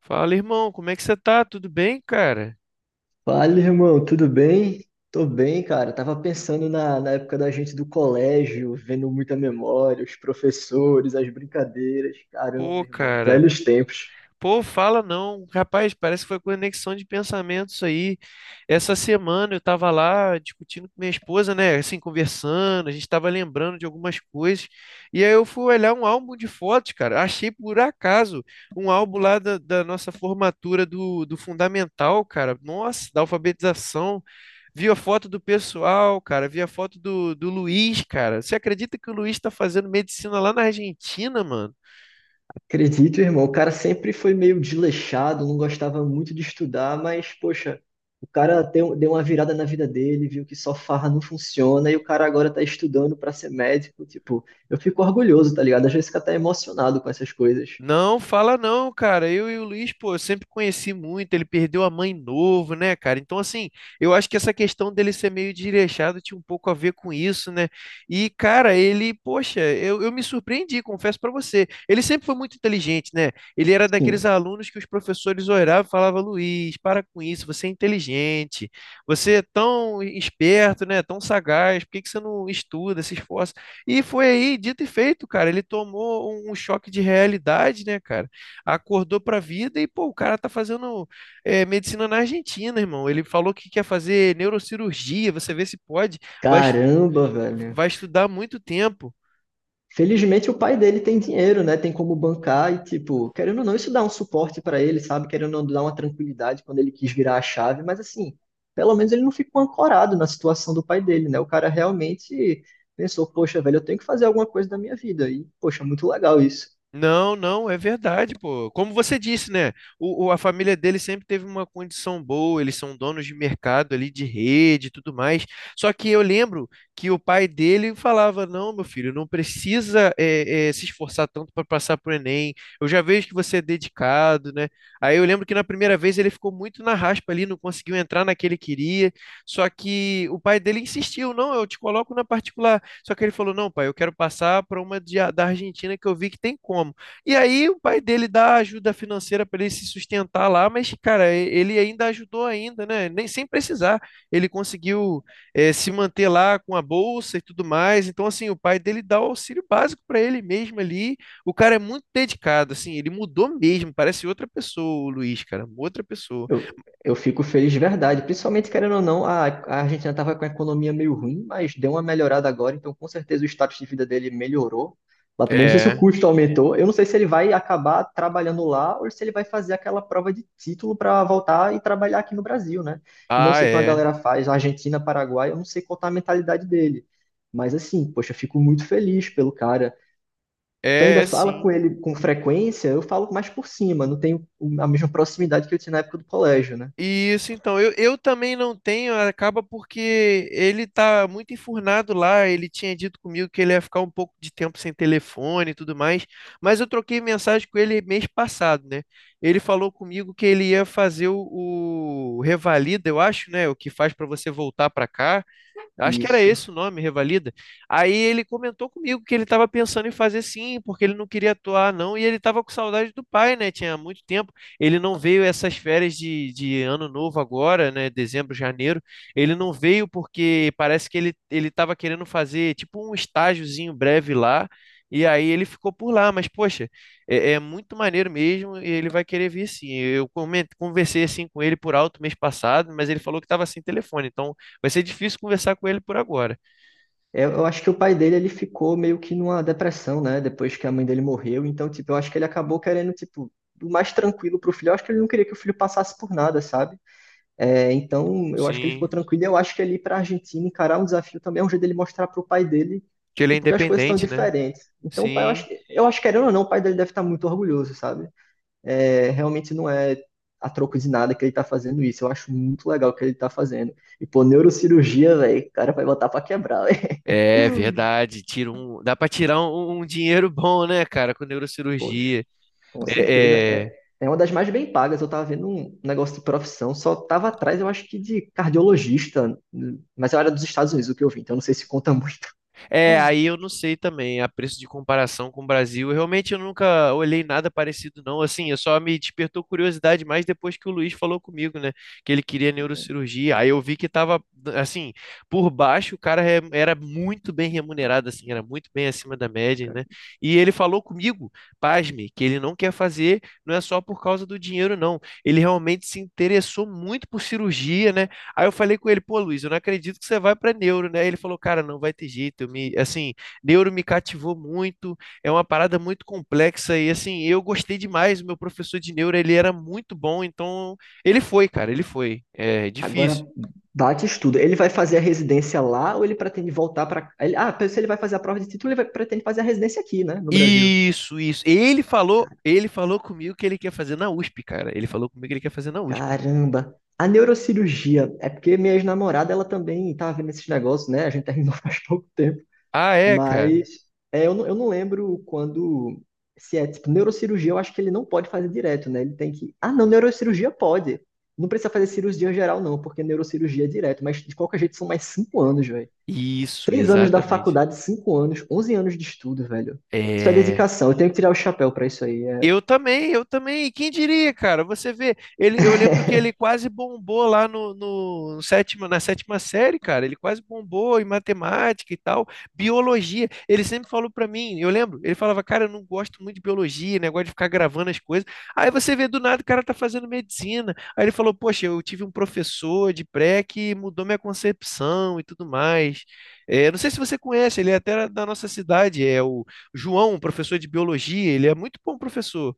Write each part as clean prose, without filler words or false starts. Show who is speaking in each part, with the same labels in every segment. Speaker 1: Fala, irmão, como é que você tá? Tudo bem, cara?
Speaker 2: Fala, irmão, tudo bem? Tô bem, cara. Tava pensando na época da gente do colégio, vendo muita memória, os professores, as brincadeiras. Caramba,
Speaker 1: Pô,
Speaker 2: irmão,
Speaker 1: cara.
Speaker 2: velhos tempos.
Speaker 1: Pô, fala não. Rapaz, parece que foi conexão de pensamentos aí. Essa semana eu tava lá discutindo com minha esposa, né? Assim, conversando, a gente tava lembrando de algumas coisas. E aí eu fui olhar um álbum de fotos, cara. Achei por acaso um álbum lá da nossa formatura do fundamental, cara. Nossa, da alfabetização. Vi a foto do pessoal, cara. Vi a foto do Luiz, cara. Você acredita que o Luiz tá fazendo medicina lá na Argentina, mano?
Speaker 2: Acredito, irmão, o cara sempre foi meio desleixado, não gostava muito de estudar, mas, poxa, o cara deu uma virada na vida dele, viu que só farra não funciona e o cara agora tá estudando pra ser médico. Tipo, eu fico orgulhoso, tá ligado? Às vezes fica até emocionado com essas coisas.
Speaker 1: Não, fala não, cara. Eu e o Luiz, pô, eu sempre conheci muito. Ele perdeu a mãe novo, né, cara? Então, assim, eu acho que essa questão dele ser meio desleixado tinha um pouco a ver com isso, né? E, cara, ele, poxa, eu me surpreendi, confesso pra você. Ele sempre foi muito inteligente, né? Ele era daqueles
Speaker 2: Sim.
Speaker 1: alunos que os professores olhavam e falavam: Luiz, para com isso, você é inteligente, você é tão esperto, né? Tão sagaz, por que que você não estuda, se esforça? E foi aí, dito e feito, cara. Ele tomou um choque de realidade, né, cara? Acordou pra vida e, pô, o cara tá fazendo medicina na Argentina, irmão. Ele falou que quer fazer neurocirurgia, você vê se pode. Vai, es-
Speaker 2: Caramba, velho.
Speaker 1: vai estudar muito tempo.
Speaker 2: Felizmente o pai dele tem dinheiro, né? Tem como bancar e, tipo, querendo ou não, isso dá um suporte pra ele, sabe? Querendo ou não, dá uma tranquilidade quando ele quis virar a chave, mas assim, pelo menos ele não ficou ancorado na situação do pai dele, né? O cara realmente pensou, poxa, velho, eu tenho que fazer alguma coisa da minha vida. E, poxa, muito legal isso.
Speaker 1: Não, não, é verdade, pô. Como você disse, né? A família dele sempre teve uma condição boa, eles são donos de mercado ali, de rede e tudo mais. Só que eu lembro que o pai dele falava: Não, meu filho, não precisa se esforçar tanto para passar pro Enem. Eu já vejo que você é dedicado, né? Aí eu lembro que na primeira vez ele ficou muito na raspa ali, não conseguiu entrar na que ele queria. Só que o pai dele insistiu: Não, eu te coloco na particular. Só que ele falou: não, pai, eu quero passar para uma da Argentina que eu vi que tem como. E aí o pai dele dá ajuda financeira para ele se sustentar lá, mas, cara, ele ainda ajudou ainda, né? Nem sem precisar. Ele conseguiu se manter lá com a bolsa e tudo mais. Então, assim, o pai dele dá o auxílio básico para ele mesmo ali. O cara é muito dedicado, assim, ele mudou mesmo, parece outra pessoa, o Luiz, cara, outra pessoa.
Speaker 2: Eu fico feliz de verdade, principalmente querendo ou não, a Argentina estava com a economia meio ruim, mas deu uma melhorada agora, então com certeza o status de vida dele melhorou. Lá também não sei se o
Speaker 1: É.
Speaker 2: custo aumentou, eu não sei se ele vai acabar trabalhando lá ou se ele vai fazer aquela prova de título para voltar e trabalhar aqui no Brasil, né? Que nem eu
Speaker 1: Ah,
Speaker 2: sei que uma
Speaker 1: é.
Speaker 2: galera faz, Argentina, Paraguai, eu não sei qual tá a mentalidade dele. Mas assim, poxa, eu fico muito feliz pelo cara. Tu
Speaker 1: É,
Speaker 2: ainda
Speaker 1: é
Speaker 2: fala com
Speaker 1: sim.
Speaker 2: ele com frequência, eu falo mais por cima, não tenho a mesma proximidade que eu tinha na época do colégio, né?
Speaker 1: Isso, então, eu também não tenho, acaba porque ele tá muito enfurnado lá, ele tinha dito comigo que ele ia ficar um pouco de tempo sem telefone e tudo mais, mas eu troquei mensagem com ele mês passado, né? Ele falou comigo que ele ia fazer o Revalida, eu acho, né? O que faz para você voltar para cá? Acho que era
Speaker 2: Isso.
Speaker 1: esse o nome, Revalida. Aí ele comentou comigo que ele estava pensando em fazer sim, porque ele não queria atuar, não, e ele estava com saudade do pai, né? Tinha muito tempo. Ele não veio essas férias de ano novo agora, né? Dezembro, janeiro. Ele não veio porque parece que ele estava querendo fazer tipo um estágiozinho breve lá. E aí ele ficou por lá, mas poxa, é muito maneiro mesmo e ele vai querer vir sim. Eu conversei assim com ele por alto mês passado, mas ele falou que estava sem telefone, então vai ser difícil conversar com ele por agora.
Speaker 2: Eu acho que o pai dele ele ficou meio que numa depressão, né? Depois que a mãe dele morreu. Então, tipo, eu acho que ele acabou querendo, tipo, o mais tranquilo pro filho. Eu acho que ele não queria que o filho passasse por nada, sabe? É, então, eu acho que ele ficou
Speaker 1: Sim.
Speaker 2: tranquilo. E eu acho que ele ir pra Argentina encarar um desafio também é um jeito dele mostrar pro pai dele,
Speaker 1: Que ele é
Speaker 2: tipo, que as coisas são
Speaker 1: independente, né?
Speaker 2: diferentes. Então, o pai,
Speaker 1: Sim.
Speaker 2: eu acho que, querendo ou não, o pai dele deve estar muito orgulhoso, sabe? É, realmente não é a troco de nada que ele tá fazendo isso. Eu acho muito legal o que ele tá fazendo. E, pô, neurocirurgia, velho, o cara vai botar pra quebrar.
Speaker 1: É verdade. Dá pra tirar um dinheiro bom, né, cara, com
Speaker 2: Poxa,
Speaker 1: neurocirurgia.
Speaker 2: com certeza.
Speaker 1: É, é,
Speaker 2: é uma das mais bem pagas. Eu tava vendo um negócio de profissão, só tava atrás, eu acho que de cardiologista, mas eu era dos Estados Unidos o que eu vi, então não sei se conta muito.
Speaker 1: é, aí eu não sei também, a preço de comparação com o Brasil. Eu Realmente, eu nunca olhei nada parecido, não. Assim, eu só me despertou curiosidade mais depois que o Luiz falou comigo, né? Que ele queria neurocirurgia. Aí eu vi que tava, assim, por baixo, o cara era muito bem remunerado, assim, era muito bem acima da média, né? E ele falou comigo, pasme, que ele não quer fazer, não é só por causa do dinheiro, não. Ele realmente se interessou muito por cirurgia, né? Aí eu falei com ele, pô, Luiz, eu não acredito que você vai para neuro, né? Ele falou, cara, não vai ter jeito. Assim, neuro me cativou muito, é uma parada muito complexa e assim, eu gostei demais. O meu professor de neuro, ele era muito bom, então ele foi, cara, ele foi. É difícil.
Speaker 2: Agora bate estudo. Ele vai fazer a residência lá ou ele pretende voltar para. Ah, se ele vai fazer a prova de título, ele vai, pretende fazer a residência aqui, né, no Brasil.
Speaker 1: Isso, isso. Ele falou,
Speaker 2: Cara-
Speaker 1: ele falou comigo que ele quer fazer na USP, cara. Ele falou comigo que ele quer fazer na USP.
Speaker 2: Caramba! A neurocirurgia, é porque minha ex-namorada, ela também tava vendo esses negócios, né? A gente terminou faz pouco tempo.
Speaker 1: Ah, é, cara.
Speaker 2: Mas é, não, eu não lembro quando. Se é tipo neurocirurgia, eu acho que ele não pode fazer direto, né? Ele tem que. Ah, não, neurocirurgia pode. Não precisa fazer cirurgia geral, não, porque neurocirurgia é direto. Mas de qualquer jeito são mais 5 anos, velho.
Speaker 1: Isso,
Speaker 2: 3 anos da
Speaker 1: exatamente.
Speaker 2: faculdade, 5 anos, 11 anos de estudo, velho. Isso é
Speaker 1: É.
Speaker 2: dedicação. Eu tenho que tirar o chapéu pra isso aí. É.
Speaker 1: Eu também, eu também. Quem diria, cara? Você vê, ele, eu lembro que ele quase bombou lá no, no, no sétima, na sétima série, cara. Ele quase bombou em matemática e tal, biologia. Ele sempre falou pra mim, eu lembro, ele falava, cara, eu não gosto muito de biologia, negócio de ficar gravando as coisas. Aí você vê do nada o cara tá fazendo medicina. Aí ele falou, poxa, eu tive um professor de pré que mudou minha concepção e tudo mais. É, não sei se você conhece, ele é até da nossa cidade, é o João, um professor de biologia, ele é muito bom professor.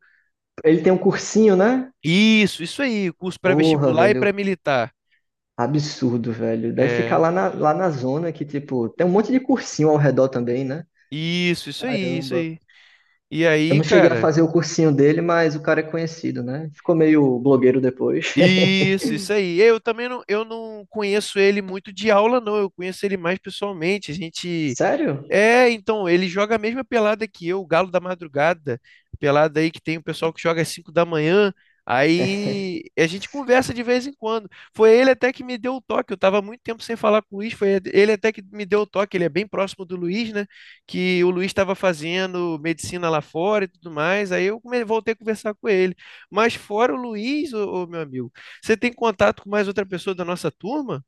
Speaker 2: Ele tem um cursinho, né?
Speaker 1: Isso aí, curso
Speaker 2: Porra,
Speaker 1: pré-vestibular e
Speaker 2: velho.
Speaker 1: pré-militar.
Speaker 2: Absurdo, velho. Deve ficar
Speaker 1: É,
Speaker 2: lá na zona que, tipo, tem um monte de cursinho ao redor também, né?
Speaker 1: isso aí, isso
Speaker 2: Caramba.
Speaker 1: aí. E
Speaker 2: Eu
Speaker 1: aí,
Speaker 2: não cheguei a
Speaker 1: cara,
Speaker 2: fazer o cursinho dele, mas o cara é conhecido, né? Ficou meio blogueiro depois.
Speaker 1: isso aí. Eu também não, eu não conheço ele muito de aula, não. Eu conheço ele mais pessoalmente. A gente
Speaker 2: Sério?
Speaker 1: é, então, ele joga a mesma pelada que eu, o Galo da Madrugada, pelada aí que tem o pessoal que joga às 5 da manhã, aí a gente conversa de vez em quando. Foi ele até que me deu o toque, eu tava muito tempo sem falar com o Luiz, foi ele até que me deu o toque, ele é bem próximo do Luiz, né, que o Luiz estava fazendo medicina lá fora e tudo mais, aí eu voltei a conversar com ele. Mas fora o Luiz, ô, meu amigo, você tem contato com mais outra pessoa da nossa turma?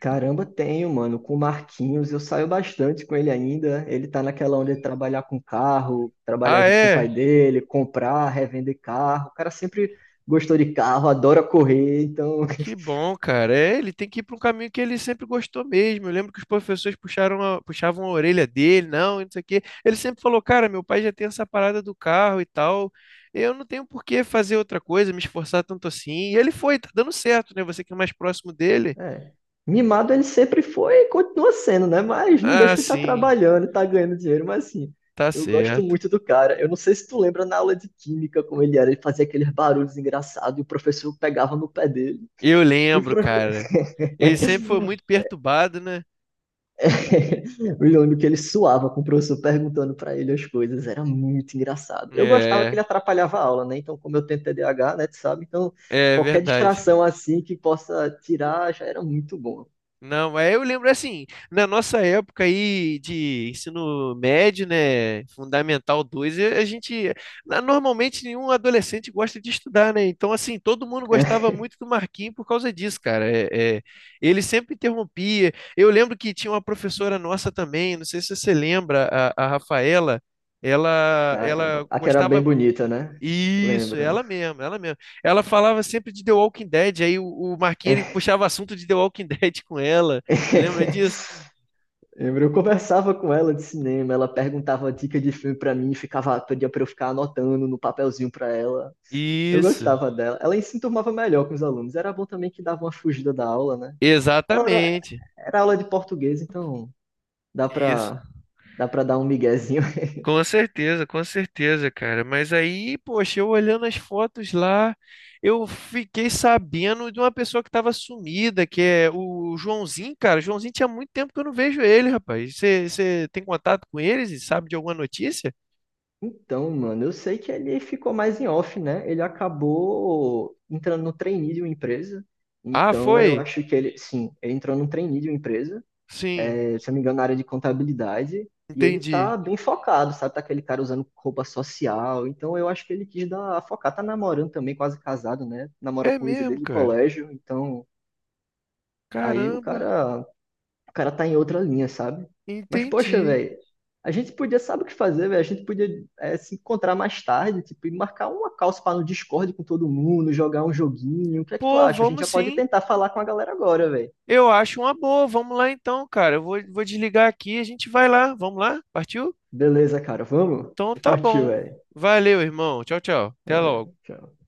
Speaker 2: Caramba, tenho, mano. Com o Marquinhos, eu saio bastante com ele ainda. Ele tá naquela onda de trabalhar com carro, trabalhar
Speaker 1: Ah,
Speaker 2: junto com o pai
Speaker 1: é?
Speaker 2: dele, comprar, revender carro. O cara sempre gostou de carro, adora correr, então
Speaker 1: Que bom, cara. É, ele tem que ir para um caminho que ele sempre gostou mesmo. Eu lembro que os professores puxavam a orelha dele, não, e não sei o quê. Ele sempre falou, cara, meu pai já tem essa parada do carro e tal. Eu não tenho por que fazer outra coisa, me esforçar tanto assim. E ele foi, tá dando certo, né? Você que é mais próximo dele.
Speaker 2: é. Mimado ele sempre foi e continua sendo, né? Mas não
Speaker 1: Ah,
Speaker 2: deixa de estar
Speaker 1: sim,
Speaker 2: trabalhando, tá ganhando dinheiro, mas assim,
Speaker 1: tá
Speaker 2: eu gosto
Speaker 1: certo.
Speaker 2: muito do cara. Eu não sei se tu lembra na aula de química como ele era, ele fazia aqueles barulhos engraçados e o professor pegava no pé dele.
Speaker 1: Eu
Speaker 2: E o
Speaker 1: lembro,
Speaker 2: profe-
Speaker 1: cara. Ele sempre foi muito perturbado, né?
Speaker 2: Eu lembro que ele suava com o professor perguntando pra ele as coisas, era muito engraçado. Eu gostava que ele
Speaker 1: É,
Speaker 2: atrapalhava a aula, né? Então, como eu tenho TDAH, né, tu sabe? Então,
Speaker 1: é
Speaker 2: qualquer
Speaker 1: verdade.
Speaker 2: distração assim que possa tirar já era muito bom.
Speaker 1: Não, mas eu lembro assim, na nossa época aí de ensino médio, né, Fundamental 2, a gente, normalmente nenhum adolescente gosta de estudar, né? Então, assim, todo mundo gostava muito do Marquinhos por causa disso, cara. É, é, ele sempre interrompia. Eu lembro que tinha uma professora nossa também, não sei se você lembra, a Rafaela, ela
Speaker 2: Caramba. A era bem
Speaker 1: gostava
Speaker 2: bonita, né?
Speaker 1: isso,
Speaker 2: Lembro.
Speaker 1: ela mesma, ela mesma. Ela falava sempre de The Walking Dead, aí o Marquinhos ele puxava assunto de The Walking Dead com ela. Você lembra disso?
Speaker 2: Lembro, eu conversava com ela de cinema, ela perguntava dica de filme pra mim, ficava, pedia pra eu ficar anotando no papelzinho pra ela. Eu
Speaker 1: Isso,
Speaker 2: gostava dela. Ela se enturmava melhor com os alunos. Era bom também que dava uma fugida da aula, né? Ela era,
Speaker 1: exatamente.
Speaker 2: era aula de português, então dá
Speaker 1: Isso.
Speaker 2: pra, dá pra dar um miguezinho.
Speaker 1: Com certeza, cara. Mas aí, poxa, eu olhando as fotos lá, eu fiquei sabendo de uma pessoa que estava sumida, que é o Joãozinho, cara. O Joãozinho tinha muito tempo que eu não vejo ele, rapaz. Você tem contato com eles e sabe de alguma notícia?
Speaker 2: Então, mano, eu sei que ele ficou mais em off, né? Ele acabou entrando no trainee de uma empresa.
Speaker 1: Ah,
Speaker 2: Então, eu
Speaker 1: foi?
Speaker 2: acho que ele, sim, ele entrou no trainee de uma empresa,
Speaker 1: Sim,
Speaker 2: se eu não me engano, na área de contabilidade, e ele tá
Speaker 1: entendi.
Speaker 2: bem focado, sabe? Tá aquele cara usando roupa social. Então, eu acho que ele quis dar a focar. Tá namorando também, quase casado, né? Namora
Speaker 1: É
Speaker 2: com Lisa
Speaker 1: mesmo,
Speaker 2: desde o
Speaker 1: cara.
Speaker 2: colégio. Então, aí o
Speaker 1: Caramba,
Speaker 2: cara o cara tá em outra linha, sabe? Mas, poxa,
Speaker 1: entendi.
Speaker 2: velho, a gente podia, sabe o que fazer, velho? A gente podia se encontrar mais tarde, tipo, e marcar uma calça para no Discord com todo mundo, jogar um joguinho. O que é que tu
Speaker 1: Pô,
Speaker 2: acha? A gente
Speaker 1: vamos
Speaker 2: já pode
Speaker 1: sim.
Speaker 2: tentar falar com a galera agora, velho.
Speaker 1: Eu acho uma boa. Vamos lá então, cara. Eu vou desligar aqui e a gente vai lá. Vamos lá? Partiu?
Speaker 2: Beleza, cara, vamos?
Speaker 1: Então tá
Speaker 2: Partiu,
Speaker 1: bom.
Speaker 2: velho.
Speaker 1: Valeu, irmão. Tchau, tchau. Até logo.
Speaker 2: Valeu, tchau.